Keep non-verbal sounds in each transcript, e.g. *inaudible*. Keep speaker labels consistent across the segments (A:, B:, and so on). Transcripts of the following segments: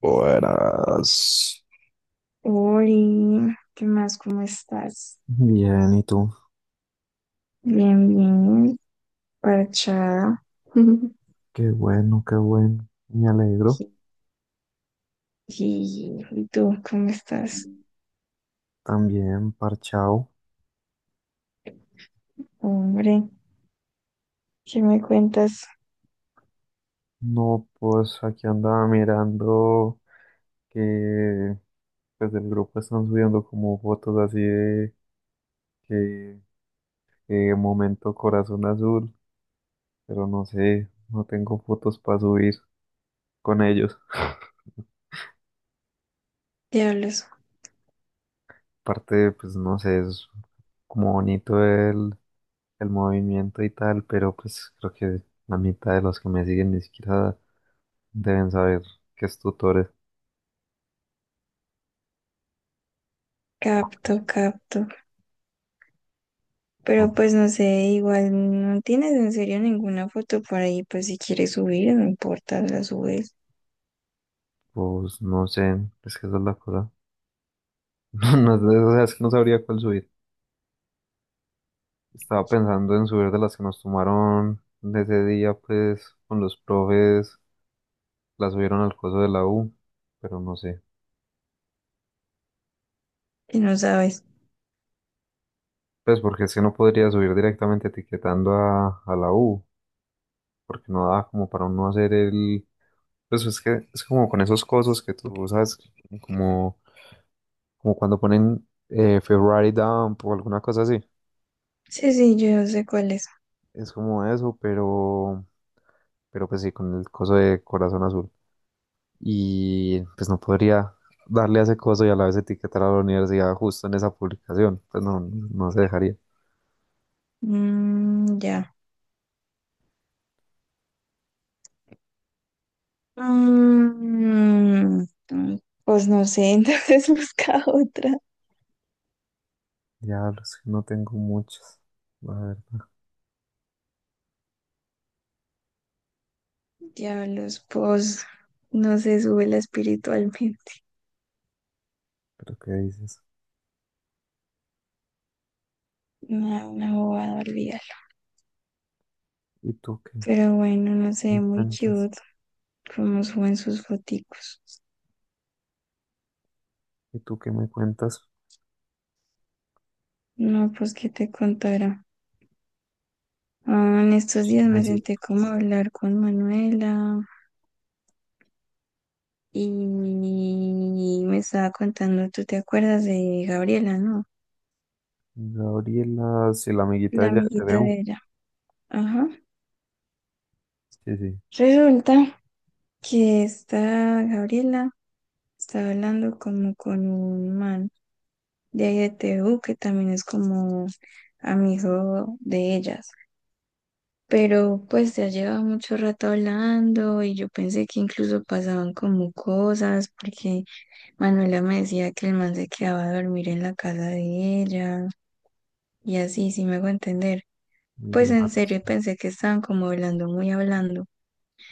A: Buenas.
B: Ori, ¿qué más? ¿Cómo estás?
A: Bien, ¿y tú?
B: Bien, bien, parchada. *laughs*
A: Qué bien, me alegro.
B: Y tú, ¿cómo estás?
A: También parchao.
B: Hombre, ¿qué me cuentas?
A: No, pues aquí andaba mirando que pues del grupo están subiendo como fotos así de que, que momento corazón azul, pero no sé, no tengo fotos para subir con ellos.
B: Diablos,
A: Aparte, pues no sé, es como bonito el movimiento y tal, pero pues creo que la mitad de los que me siguen ni siquiera deben saber que es tutores.
B: capto, capto.
A: Ah,
B: Pero pues no sé, igual no tienes en serio ninguna foto por ahí, pues si quieres subir, no importa, la subes.
A: pues no sé, es que esa es la cosa. *laughs* No, no, sé, o sea, es que no sabría cuál subir. Estaba pensando en subir de las que nos tomaron de ese día, pues, con los profes, las subieron al coso de la U, pero no sé.
B: Y no sabes.
A: Pues porque es que no podría subir directamente etiquetando a la U, porque no da como para uno hacer el... Pues es que es como con esos cosos que tú sabes, como, como cuando ponen Ferrari Dump o alguna cosa así.
B: Sí, sí, yo sé cuál es.
A: Es como eso, pero pues sí, con el coso de corazón azul. Y pues no podría darle a ese coso y a la vez etiquetar a la universidad justo en esa publicación, pues no, no se dejaría.
B: Mm, ya. Mm, mm, mm. Pues no sé, *laughs* entonces busca otra.
A: Diablos, que no tengo muchas. A ver,
B: Diablos, pues no se sube la espiritualmente.
A: pero ¿qué dices?
B: *laughs* Una bobada olvidar.
A: ¿Y tú qué
B: Pero bueno, no sé,
A: me
B: muy
A: cuentas?
B: cute como suben sus foticos.
A: ¿Y tú qué me cuentas?
B: No, pues qué te contará. Ah, en estos días me
A: Chismecito.
B: senté como a hablar con Manuela y me estaba contando, ¿tú te acuerdas de Gabriela, no?
A: Gabriela, si la amiguita de
B: La
A: ella de
B: amiguita
A: TVU.
B: de ella. Ajá.
A: Sí, sí.
B: Resulta que esta Gabriela estaba hablando como con un man de ahí de T TU, que también es como amigo de ellas. Pero pues ya lleva mucho rato hablando y yo pensé que incluso pasaban como cosas, porque Manuela me decía que el man se quedaba a dormir en la casa de ella y así, sí me hago entender.
A: El
B: Pues
A: día
B: en
A: antes.
B: serio pensé que estaban como hablando, muy hablando.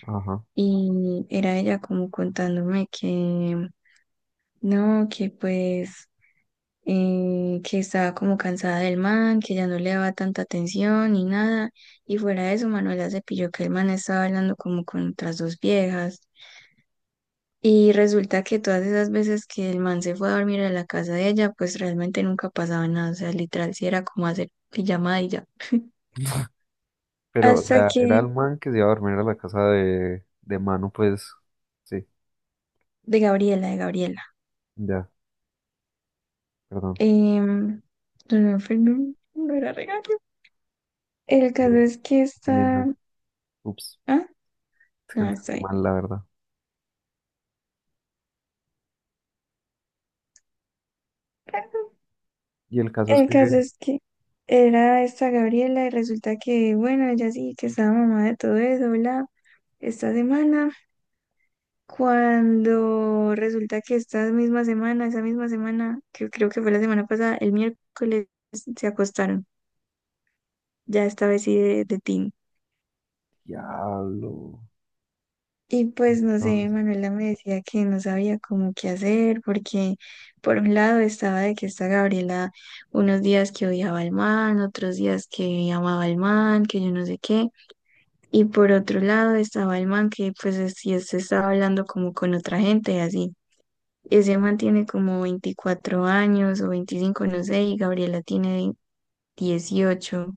A: Ajá.
B: Y era ella como contándome que no, que pues que estaba como cansada del man, que ya no le daba tanta atención ni nada. Y fuera de eso, Manuela se pilló que el man estaba hablando como con otras dos viejas. Y resulta que todas esas veces que el man se fue a dormir a la casa de ella, pues realmente nunca pasaba nada. O sea, literal, sí era como hacer pijamada y ya. *laughs*
A: Pero, o
B: Hasta
A: sea, era
B: que,
A: el man que se iba a dormir a la casa de, Manu, pues. Sí,
B: de Gabriela, de Gabriela.
A: ya, perdón.
B: Em, no, no, era regalo. El caso
A: eh,
B: es que
A: Entendí
B: está.
A: mal. Ups,
B: Ah,
A: es que
B: no, está
A: entendí
B: bien.
A: mal, la verdad. Y el caso es
B: El
A: que,
B: caso es que era esta Gabriela y resulta que, bueno, ella sí que estaba mamá de todo eso, bla. Esta semana, cuando resulta que esta misma semana, esa misma semana, que creo que fue la semana pasada, el miércoles se acostaron, ya esta vez sí de team.
A: diablo,
B: Y pues no sé,
A: entonces,
B: Manuela me decía que no sabía cómo qué hacer, porque por un lado estaba de que esta Gabriela unos días que odiaba al man, otros días que amaba al man, que yo no sé qué. Y por otro lado estaba el man que pues sí estaba hablando como con otra gente y así. Ese man tiene como 24 años o 25 no sé, y Gabriela tiene 18.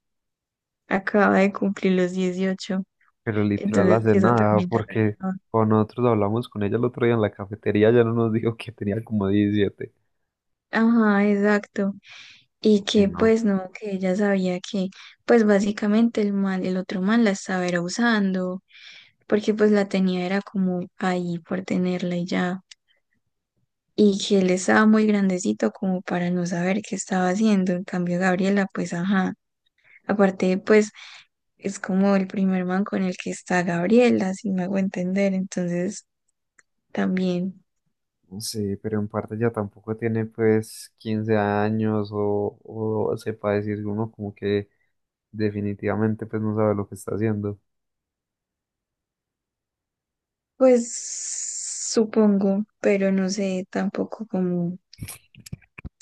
B: Acaba de cumplir los 18.
A: pero literal
B: Entonces
A: hace
B: eso
A: nada,
B: también la
A: porque
B: rayaba.
A: cuando nosotros hablamos con ella el otro día en la cafetería, ya no nos dijo que tenía como 17.
B: Ajá, exacto. Y
A: Y
B: que
A: no,
B: pues no, que ella sabía que pues básicamente el man, el otro man la estaba era usando, porque pues la tenía era como ahí por tenerla y ya. Y que él estaba muy grandecito como para no saber qué estaba haciendo. En cambio, Gabriela, pues ajá. Aparte, pues es como el primer man con el que está Gabriela, si me hago entender. Entonces, también,
A: no sé, pero en parte ya tampoco tiene, pues, 15 años o sepa decir uno como que definitivamente, pues, no sabe lo que está haciendo.
B: pues supongo, pero no sé tampoco como.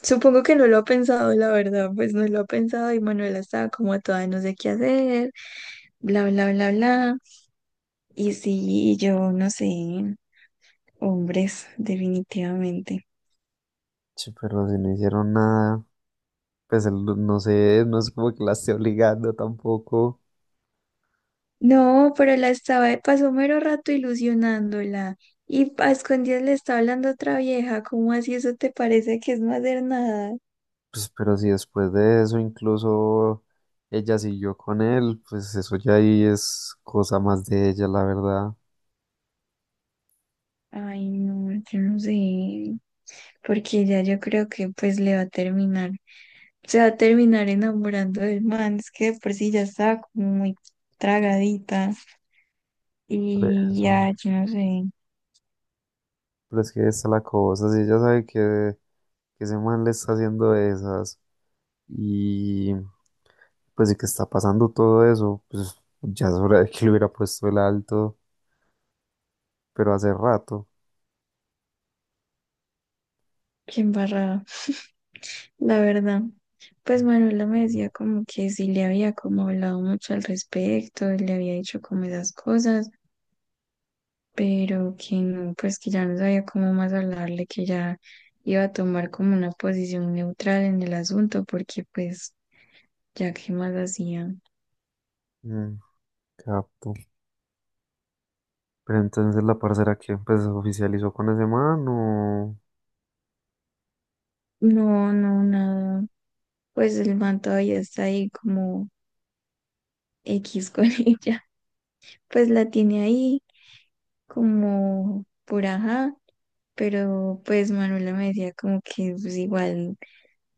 B: Supongo que no lo ha pensado, la verdad, pues no lo ha pensado y Manuela estaba como toda no sé qué hacer, bla, bla, bla, bla. Y sí, yo no sé, hombres, definitivamente.
A: Sí, pero si no hicieron nada, pues el- no sé, no es como que la esté obligando tampoco.
B: No, pero la estaba, pasó mero rato ilusionándola. Y a escondidas le está hablando otra vieja. ¿Cómo así eso te parece que es no hacer nada?
A: Pues, pero si después de eso incluso ella siguió con él, pues eso ya ahí es cosa más de ella, la verdad.
B: Ay, no, yo no sé. Porque ya yo creo que pues le va a terminar. Se va a terminar enamorando del man. Es que de por sí ya está como muy tragadita.
A: Por
B: Y
A: eso.
B: ya, yo no sé.
A: Pero es que esta es la cosa, si ella sabe que ese man le está haciendo esas y pues y que está pasando todo eso, pues ya es hora de que le hubiera puesto el alto, pero hace rato.
B: Qué embarrada, la verdad. Pues Manuela me decía como que sí le había como hablado mucho al respecto, le había dicho como esas cosas, pero que no, pues que ya no sabía cómo más hablarle, que ya iba a tomar como una posición neutral en el asunto, porque pues ya qué más hacía.
A: Mm, capto. Pero entonces la parcera que pues se oficializó con ese man o
B: No, no, nada. Pues el man todavía está ahí como X con *laughs* ella. Pues la tiene ahí como por ajá, pero pues Manuela me decía como que pues igual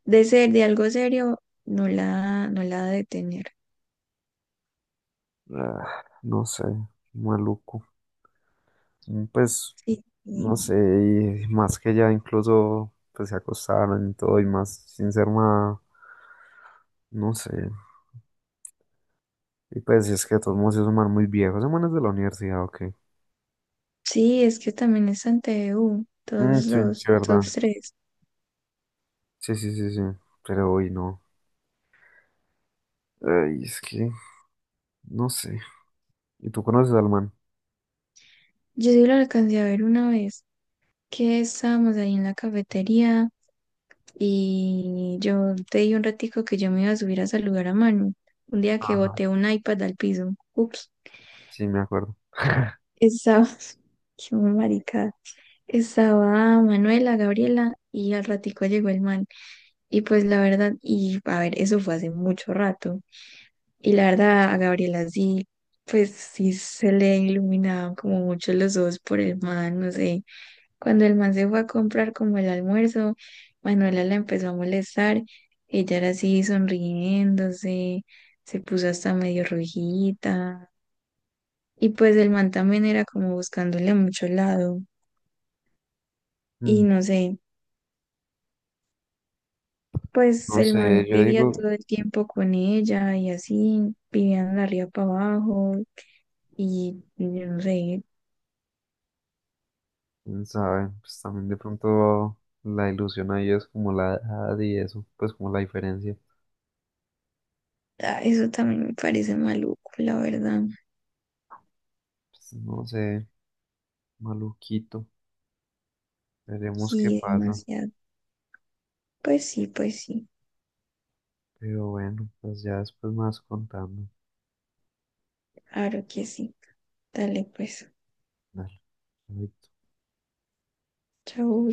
B: de ser de algo serio, no la ha de tener.
A: ah, no sé, maluco. Mm, pues
B: Sí,
A: no
B: sí,
A: sé, y más que ya incluso pues se acostaron y todo y más sin ser nada, no sé. Y pues si es que de todos modos es man muy viejos. Ese man de la universidad, ok.
B: sí, es que también es ante TVU,
A: Mm,
B: todos
A: sí, sí,
B: dos,
A: verdad.
B: todos tres.
A: Sí, sí, sí, sí. Pero hoy no. Ay, es que, no sé. ¿Y tú conoces al man?
B: Yo sí lo alcancé a ver una vez que estábamos ahí en la cafetería y yo te di un ratico que yo me iba a subir a saludar a Manu. Un día que
A: Ajá,
B: boté un iPad al piso. Ups,
A: sí, me acuerdo.
B: estaba, *laughs* qué maricada. Estaba Manuela, Gabriela y al ratico llegó el man. Y pues la verdad, y a ver, eso fue hace mucho rato. Y la verdad, a Gabriela sí, pues sí se le iluminaban como mucho los ojos por el man, no sé. Cuando el man se fue a comprar como el almuerzo, Manuela la empezó a molestar. Ella era así sonriéndose, se puso hasta medio rojita. Y pues el man también era como buscándole a mucho lado. Y
A: Mm,
B: no sé, pues
A: no
B: el
A: sé,
B: man
A: yo
B: vivía
A: digo,
B: todo el tiempo con ella y así, vivían de arriba para abajo. Y yo no sé.
A: quién sabe, pues también de pronto la ilusión ahí es como la edad y eso, pues como la diferencia.
B: Ah, eso también me parece maluco, la verdad.
A: Pues no sé, maluquito. Veremos qué
B: Y
A: pasa.
B: demasiado. Pues sí, pues sí.
A: Pero bueno, pues ya después más contando.
B: Claro que sí. Dale, pues.
A: Dale.
B: Chau.